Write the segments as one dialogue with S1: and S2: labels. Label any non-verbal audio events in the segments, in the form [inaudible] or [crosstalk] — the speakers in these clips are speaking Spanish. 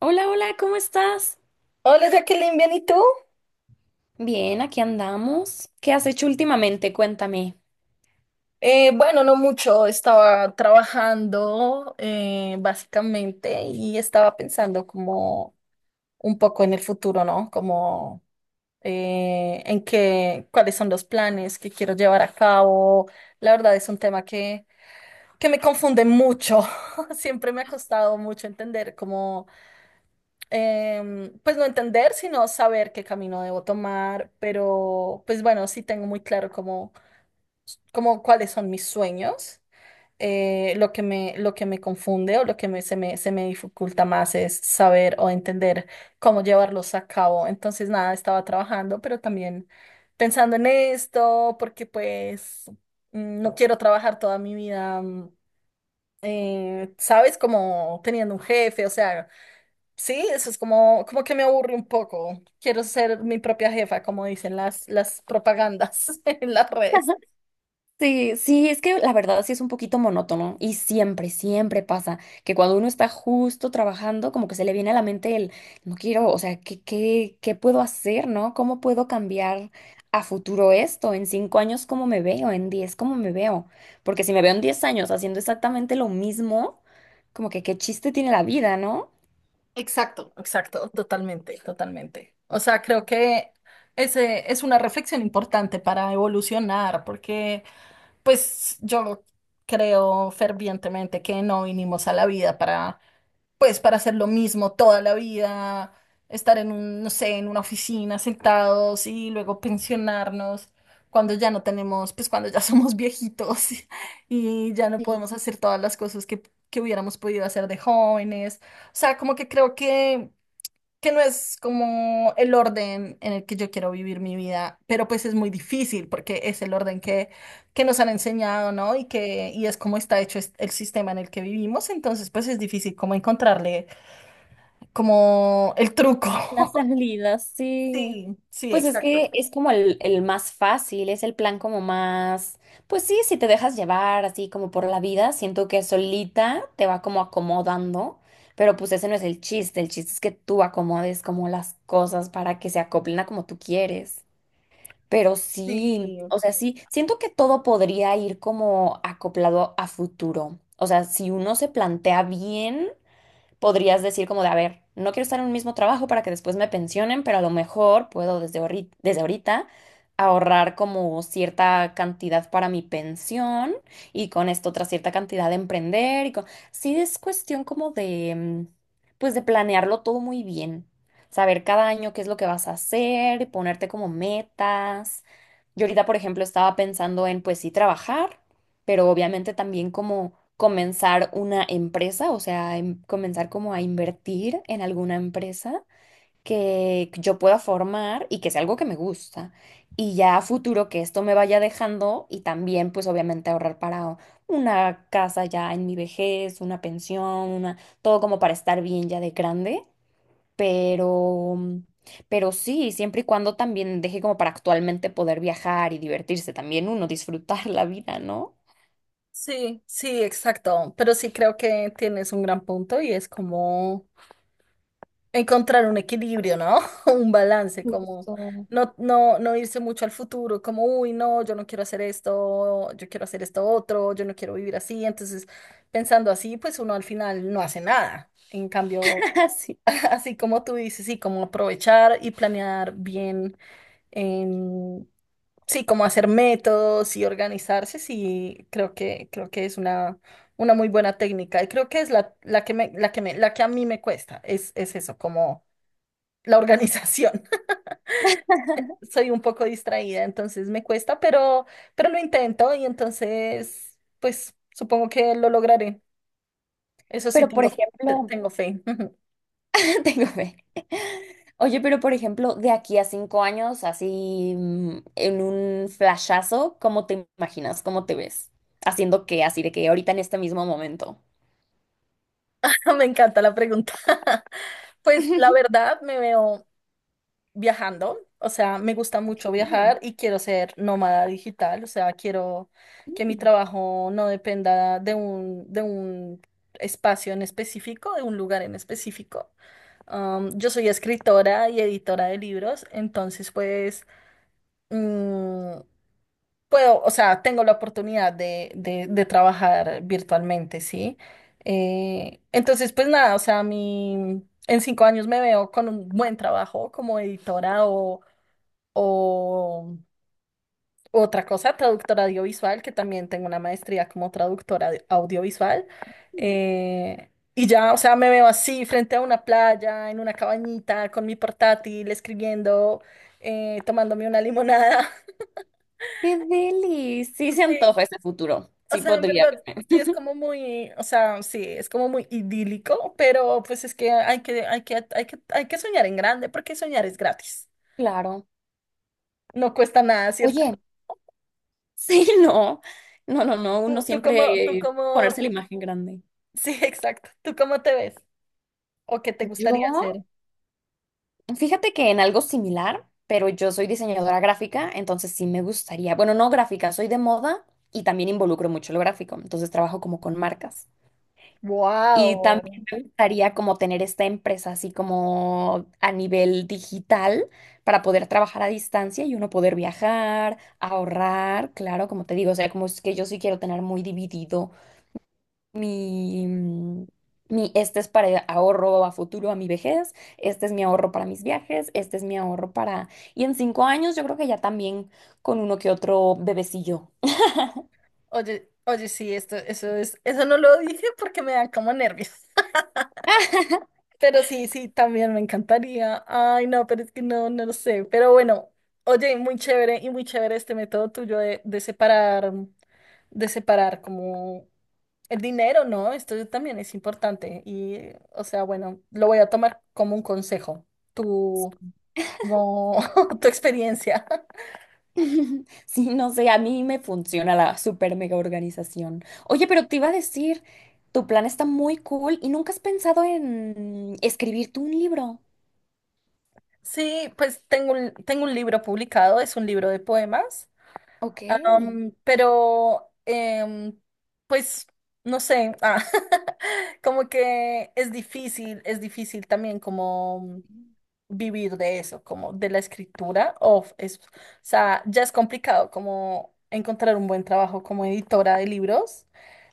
S1: Hola, hola, ¿cómo estás?
S2: Hola Jacqueline, ¿bien y tú?
S1: Bien, aquí andamos. ¿Qué has hecho últimamente? Cuéntame.
S2: Bueno, no mucho. Estaba trabajando, básicamente, y estaba pensando como un poco en el futuro, ¿no? Como cuáles son los planes que quiero llevar a cabo. La verdad, es un tema que me confunde mucho. [laughs] Siempre me ha costado mucho entender pues no entender, sino saber qué camino debo tomar. Pero pues bueno, sí tengo muy claro cómo como cuáles son mis sueños. Lo que me confunde, o lo que se me dificulta más, es saber o entender cómo llevarlos a cabo. Entonces, nada, estaba trabajando, pero también pensando en esto, porque pues no quiero trabajar toda mi vida. ¿Sabes? Como teniendo un jefe. O sea, sí, eso es como que me aburre un poco. Quiero ser mi propia jefa, como dicen las propagandas [laughs] en las redes.
S1: Sí, sí, es que la verdad sí es un poquito monótono y siempre pasa que cuando uno está justo trabajando, como que se le viene a la mente el, no quiero, o sea, ¿qué puedo hacer, no? ¿Cómo puedo cambiar a futuro esto? ¿En 5 años cómo me veo? ¿En 10 cómo me veo? Porque si me veo en 10 años haciendo exactamente lo mismo, como que qué chiste tiene la vida, ¿no?
S2: Exacto. Exacto, totalmente, totalmente. O sea, creo que ese es una reflexión importante para evolucionar, porque pues yo creo fervientemente que no vinimos a la vida para hacer lo mismo toda la vida. Estar en un, no sé, en una oficina sentados, y luego pensionarnos cuando ya no tenemos, pues cuando ya somos viejitos [laughs] y ya no podemos hacer todas las cosas que hubiéramos podido hacer de jóvenes. O sea, como que creo que no es como el orden en el que yo quiero vivir mi vida, pero pues es muy difícil porque es el orden que nos han enseñado, ¿no? Y es como está hecho, el sistema en el que vivimos. Entonces pues es difícil como encontrarle como el truco.
S1: La
S2: [laughs]
S1: salida, sí.
S2: Sí, sí,
S1: Pues es
S2: exacto.
S1: que es como el más fácil, es el plan como más, pues sí, si te dejas llevar así como por la vida, siento que solita te va como acomodando, pero pues ese no es el chiste es que tú acomodes como las cosas para que se acoplen a como tú quieres. Pero
S2: Sí,
S1: sí, o sea, sí, siento que todo podría ir como acoplado a futuro. O sea, si uno se plantea bien podrías decir como de, a ver, no quiero estar en un mismo trabajo para que después me pensionen, pero a lo mejor puedo desde, desde ahorita ahorrar como cierta cantidad para mi pensión y con esto otra cierta cantidad de emprender y con... Sí, es cuestión como de, pues de planearlo todo muy bien, saber cada año qué es lo que vas a hacer, ponerte como metas. Yo ahorita, por ejemplo, estaba pensando en, pues sí, trabajar pero obviamente también como comenzar una empresa, o sea, comenzar como a invertir en alguna empresa que yo pueda formar y que sea algo que me gusta. Y ya a futuro que esto me vaya dejando y también pues obviamente ahorrar para una casa ya en mi vejez, una pensión, una, todo como para estar bien ya de grande, pero pero sí, siempre y cuando también deje como para actualmente poder viajar y divertirse también uno, disfrutar [laughs] la vida, ¿no?
S2: sí, sí, exacto. Pero sí creo que tienes un gran punto, y es como encontrar un equilibrio, ¿no? [laughs] Un balance, como
S1: Justo.
S2: no irse mucho al futuro, como, uy, no, yo no quiero hacer esto, yo quiero hacer esto otro, yo no quiero vivir así. Entonces, pensando así, pues uno al final no hace nada. En cambio,
S1: [laughs] Sí.
S2: [laughs] así como tú dices, sí, como aprovechar y planear bien. En Sí, como hacer métodos y organizarse. Sí, creo que es una muy buena técnica. Y creo que es la que a mí me cuesta. Es eso, como la organización. [laughs] Soy un poco distraída, entonces me cuesta, pero lo intento. Y entonces, pues supongo que lo lograré. Eso sí,
S1: Pero por
S2: tengo,
S1: ejemplo,
S2: tengo fe. [laughs]
S1: [laughs] tengo fe. Oye, pero por ejemplo, de aquí a 5 años, así en un flashazo, ¿cómo te imaginas? ¿Cómo te ves? Haciendo qué, así de que ahorita en este mismo momento.
S2: Me encanta la pregunta. [laughs] Pues la
S1: [laughs]
S2: verdad, me veo viajando. O sea, me gusta mucho
S1: Ok.
S2: viajar y quiero ser nómada digital. O sea, quiero que mi
S1: Mm,
S2: trabajo no dependa de un espacio en específico, de un lugar en específico. Yo soy escritora y editora de libros. Entonces pues mm, puedo, o sea, tengo la oportunidad de trabajar virtualmente, ¿sí? Entonces pues nada, o sea, en 5 años me veo con un buen trabajo como editora, o otra cosa, traductora audiovisual, que también tengo una maestría como traductora audiovisual.
S1: mm.
S2: Y ya, o sea, me veo así frente a una playa, en una cabañita, con mi portátil, escribiendo, tomándome una limonada.
S1: ¡Qué deli! Sí se
S2: [laughs] Sí,
S1: antoja ese futuro.
S2: o
S1: Sí
S2: sea, en
S1: podría
S2: verdad,
S1: verme.
S2: sí es
S1: [laughs]
S2: como muy, o sea, sí, es como muy idílico. Pero pues es que hay que soñar en grande, porque soñar es gratis.
S1: Claro.
S2: No cuesta nada, ¿cierto?
S1: Oye, sí, no. No, no, no. Uno
S2: ¿Tú, tú cómo, tú
S1: siempre
S2: cómo,
S1: ponerse la
S2: tú
S1: imagen grande.
S2: Sí, [laughs] exacto. ¿Tú cómo te ves? ¿O qué te
S1: Yo
S2: gustaría hacer?
S1: Fíjate que en algo similar, pero yo soy diseñadora gráfica, entonces sí me gustaría, bueno, no gráfica, soy de moda y también involucro mucho lo gráfico, entonces trabajo como con marcas. Y
S2: Wow.
S1: también me gustaría como tener esta empresa así como a nivel digital para poder trabajar a distancia y uno poder viajar, ahorrar, claro, como te digo, o sea, como es que yo sí quiero tener muy dividido mi, mm, mi, este es para ahorro a futuro, a mi vejez, este es mi ahorro para mis viajes, este es mi ahorro para... Y en 5 años yo creo que ya también con uno que otro bebecillo.
S2: Oye, oye, sí, eso no lo dije porque me dan como nervios. [laughs] Pero sí, sí, también me encantaría. Ay, no, pero es que no lo sé. Pero bueno, oye, muy chévere, y muy chévere este método tuyo de separar como el dinero, ¿no? Esto también es importante. Y, o sea, bueno, lo voy a tomar como un consejo. Tu, como [laughs] tu experiencia.
S1: [laughs] Sí, no sé, a mí me funciona la super mega organización. Oye, pero te iba a decir, tu plan está muy cool y nunca has pensado en escribirte un libro.
S2: Sí, pues tengo un libro publicado. Es un libro de poemas,
S1: Ok.
S2: pero pues no sé. Ah, [laughs] como que es difícil también como vivir de eso, como de la escritura, o sea, ya es complicado como encontrar un buen trabajo como editora de libros.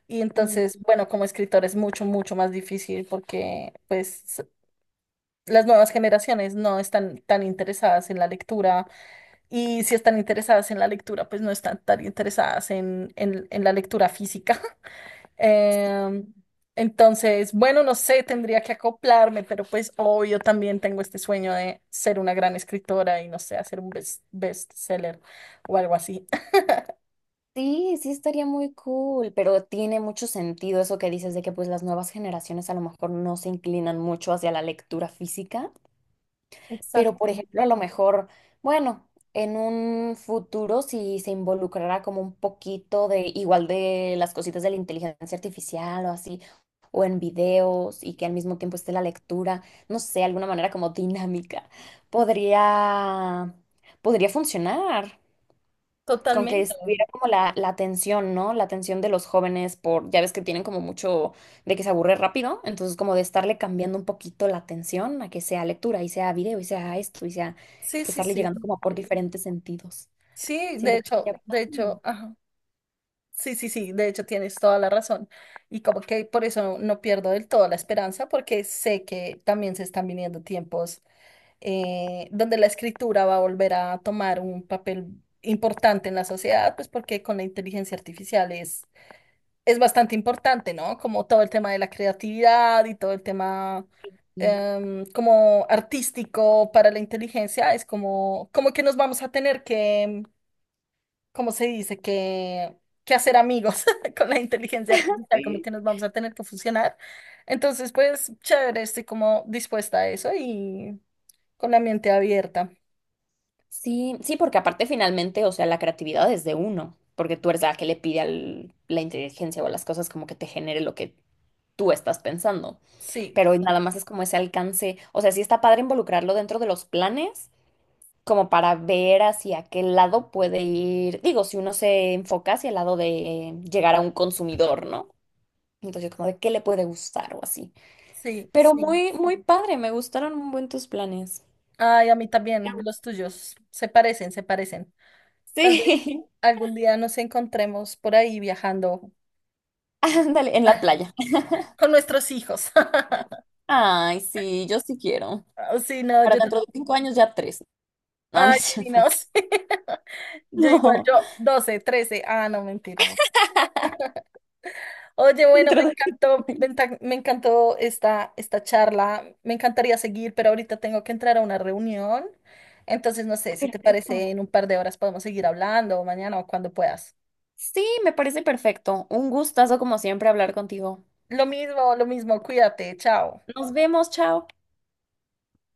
S2: Y entonces,
S1: Mm.
S2: bueno, como escritor es mucho, mucho más difícil, porque pues las nuevas generaciones no están tan interesadas en la lectura. Y si están interesadas en la lectura, pues no están tan interesadas en, en la lectura física. [laughs] Em, entonces, bueno, no sé, tendría que acoplarme, pero pues obvio también tengo este sueño de ser una gran escritora y, no sé, hacer un bestseller o algo así.
S1: Sí, sí estaría muy cool, pero tiene mucho sentido eso que dices de que pues las nuevas generaciones a lo mejor no se inclinan mucho hacia la lectura física,
S2: [laughs]
S1: pero por
S2: Exacto.
S1: ejemplo a lo mejor, bueno, en un futuro si se involucrará como un poquito de igual de las cositas de la inteligencia artificial o así, o en videos y que al mismo tiempo esté la lectura, no sé, alguna manera como dinámica, podría, podría funcionar con que
S2: Totalmente.
S1: estuviera como la atención, ¿no? La atención de los jóvenes por, ya ves que tienen como mucho de que se aburre rápido, entonces como de estarle cambiando un poquito la atención a que sea lectura y sea video y sea esto y sea
S2: Sí,
S1: que
S2: sí,
S1: estarle
S2: sí.
S1: llegando como por diferentes sentidos.
S2: Sí,
S1: Siento que estaría
S2: de hecho,
S1: padre.
S2: ajá. Sí, sí, sí, de hecho tienes toda la razón. Y como que por eso no pierdo del todo la esperanza, porque sé que también se están viniendo tiempos, donde la escritura va a volver a tomar un papel importante en la sociedad. Pues porque con la inteligencia artificial es bastante importante, ¿no? Como todo el tema de la creatividad y todo el tema,
S1: Sí.
S2: como artístico para la inteligencia, es como que nos vamos a tener que, ¿cómo se dice? Que hacer amigos [laughs] con la inteligencia artificial, como
S1: Sí.
S2: que nos vamos a tener que fusionar. Entonces, pues, chévere, estoy como dispuesta a eso y con la mente abierta.
S1: Sí, sí, porque aparte finalmente, o sea, la creatividad es de uno, porque tú eres la que le pide a la inteligencia o a las cosas como que te genere lo que tú estás pensando.
S2: Sí,
S1: Pero nada más es como ese alcance, o sea, sí está padre involucrarlo dentro de los planes, como para ver hacia qué lado puede ir, digo, si uno se enfoca hacia el lado de llegar a un consumidor, ¿no? Entonces, como de qué le puede gustar o así.
S2: sí,
S1: Pero
S2: sí.
S1: muy, muy padre, me gustaron un buen tus planes.
S2: Ay, a mí también, los tuyos se parecen, se parecen. Tal vez
S1: Sí,
S2: algún día nos encontremos por ahí viajando
S1: [laughs] ándale, en la playa.
S2: con nuestros hijos. [laughs]
S1: Ay, sí, yo sí quiero.
S2: Ah, sí, no,
S1: Para
S2: yo
S1: dentro
S2: también.
S1: de 5 años ya tres. No, no es
S2: Ay, sí, no,
S1: cierto. [laughs]
S2: [laughs] Yo igual,
S1: No,
S2: yo 12, 13. Ah, no, mentira. Oye, bueno,
S1: dentro
S2: me
S1: de cinco
S2: encantó,
S1: años.
S2: me encantó esta charla. Me encantaría seguir, pero ahorita tengo que entrar a una reunión. Entonces, no sé si te parece,
S1: Perfecto.
S2: en un par de horas podemos seguir hablando, o mañana o cuando puedas.
S1: Sí, me parece perfecto. Un gustazo como siempre hablar contigo.
S2: Lo mismo, cuídate, chao.
S1: Nos vemos, chao.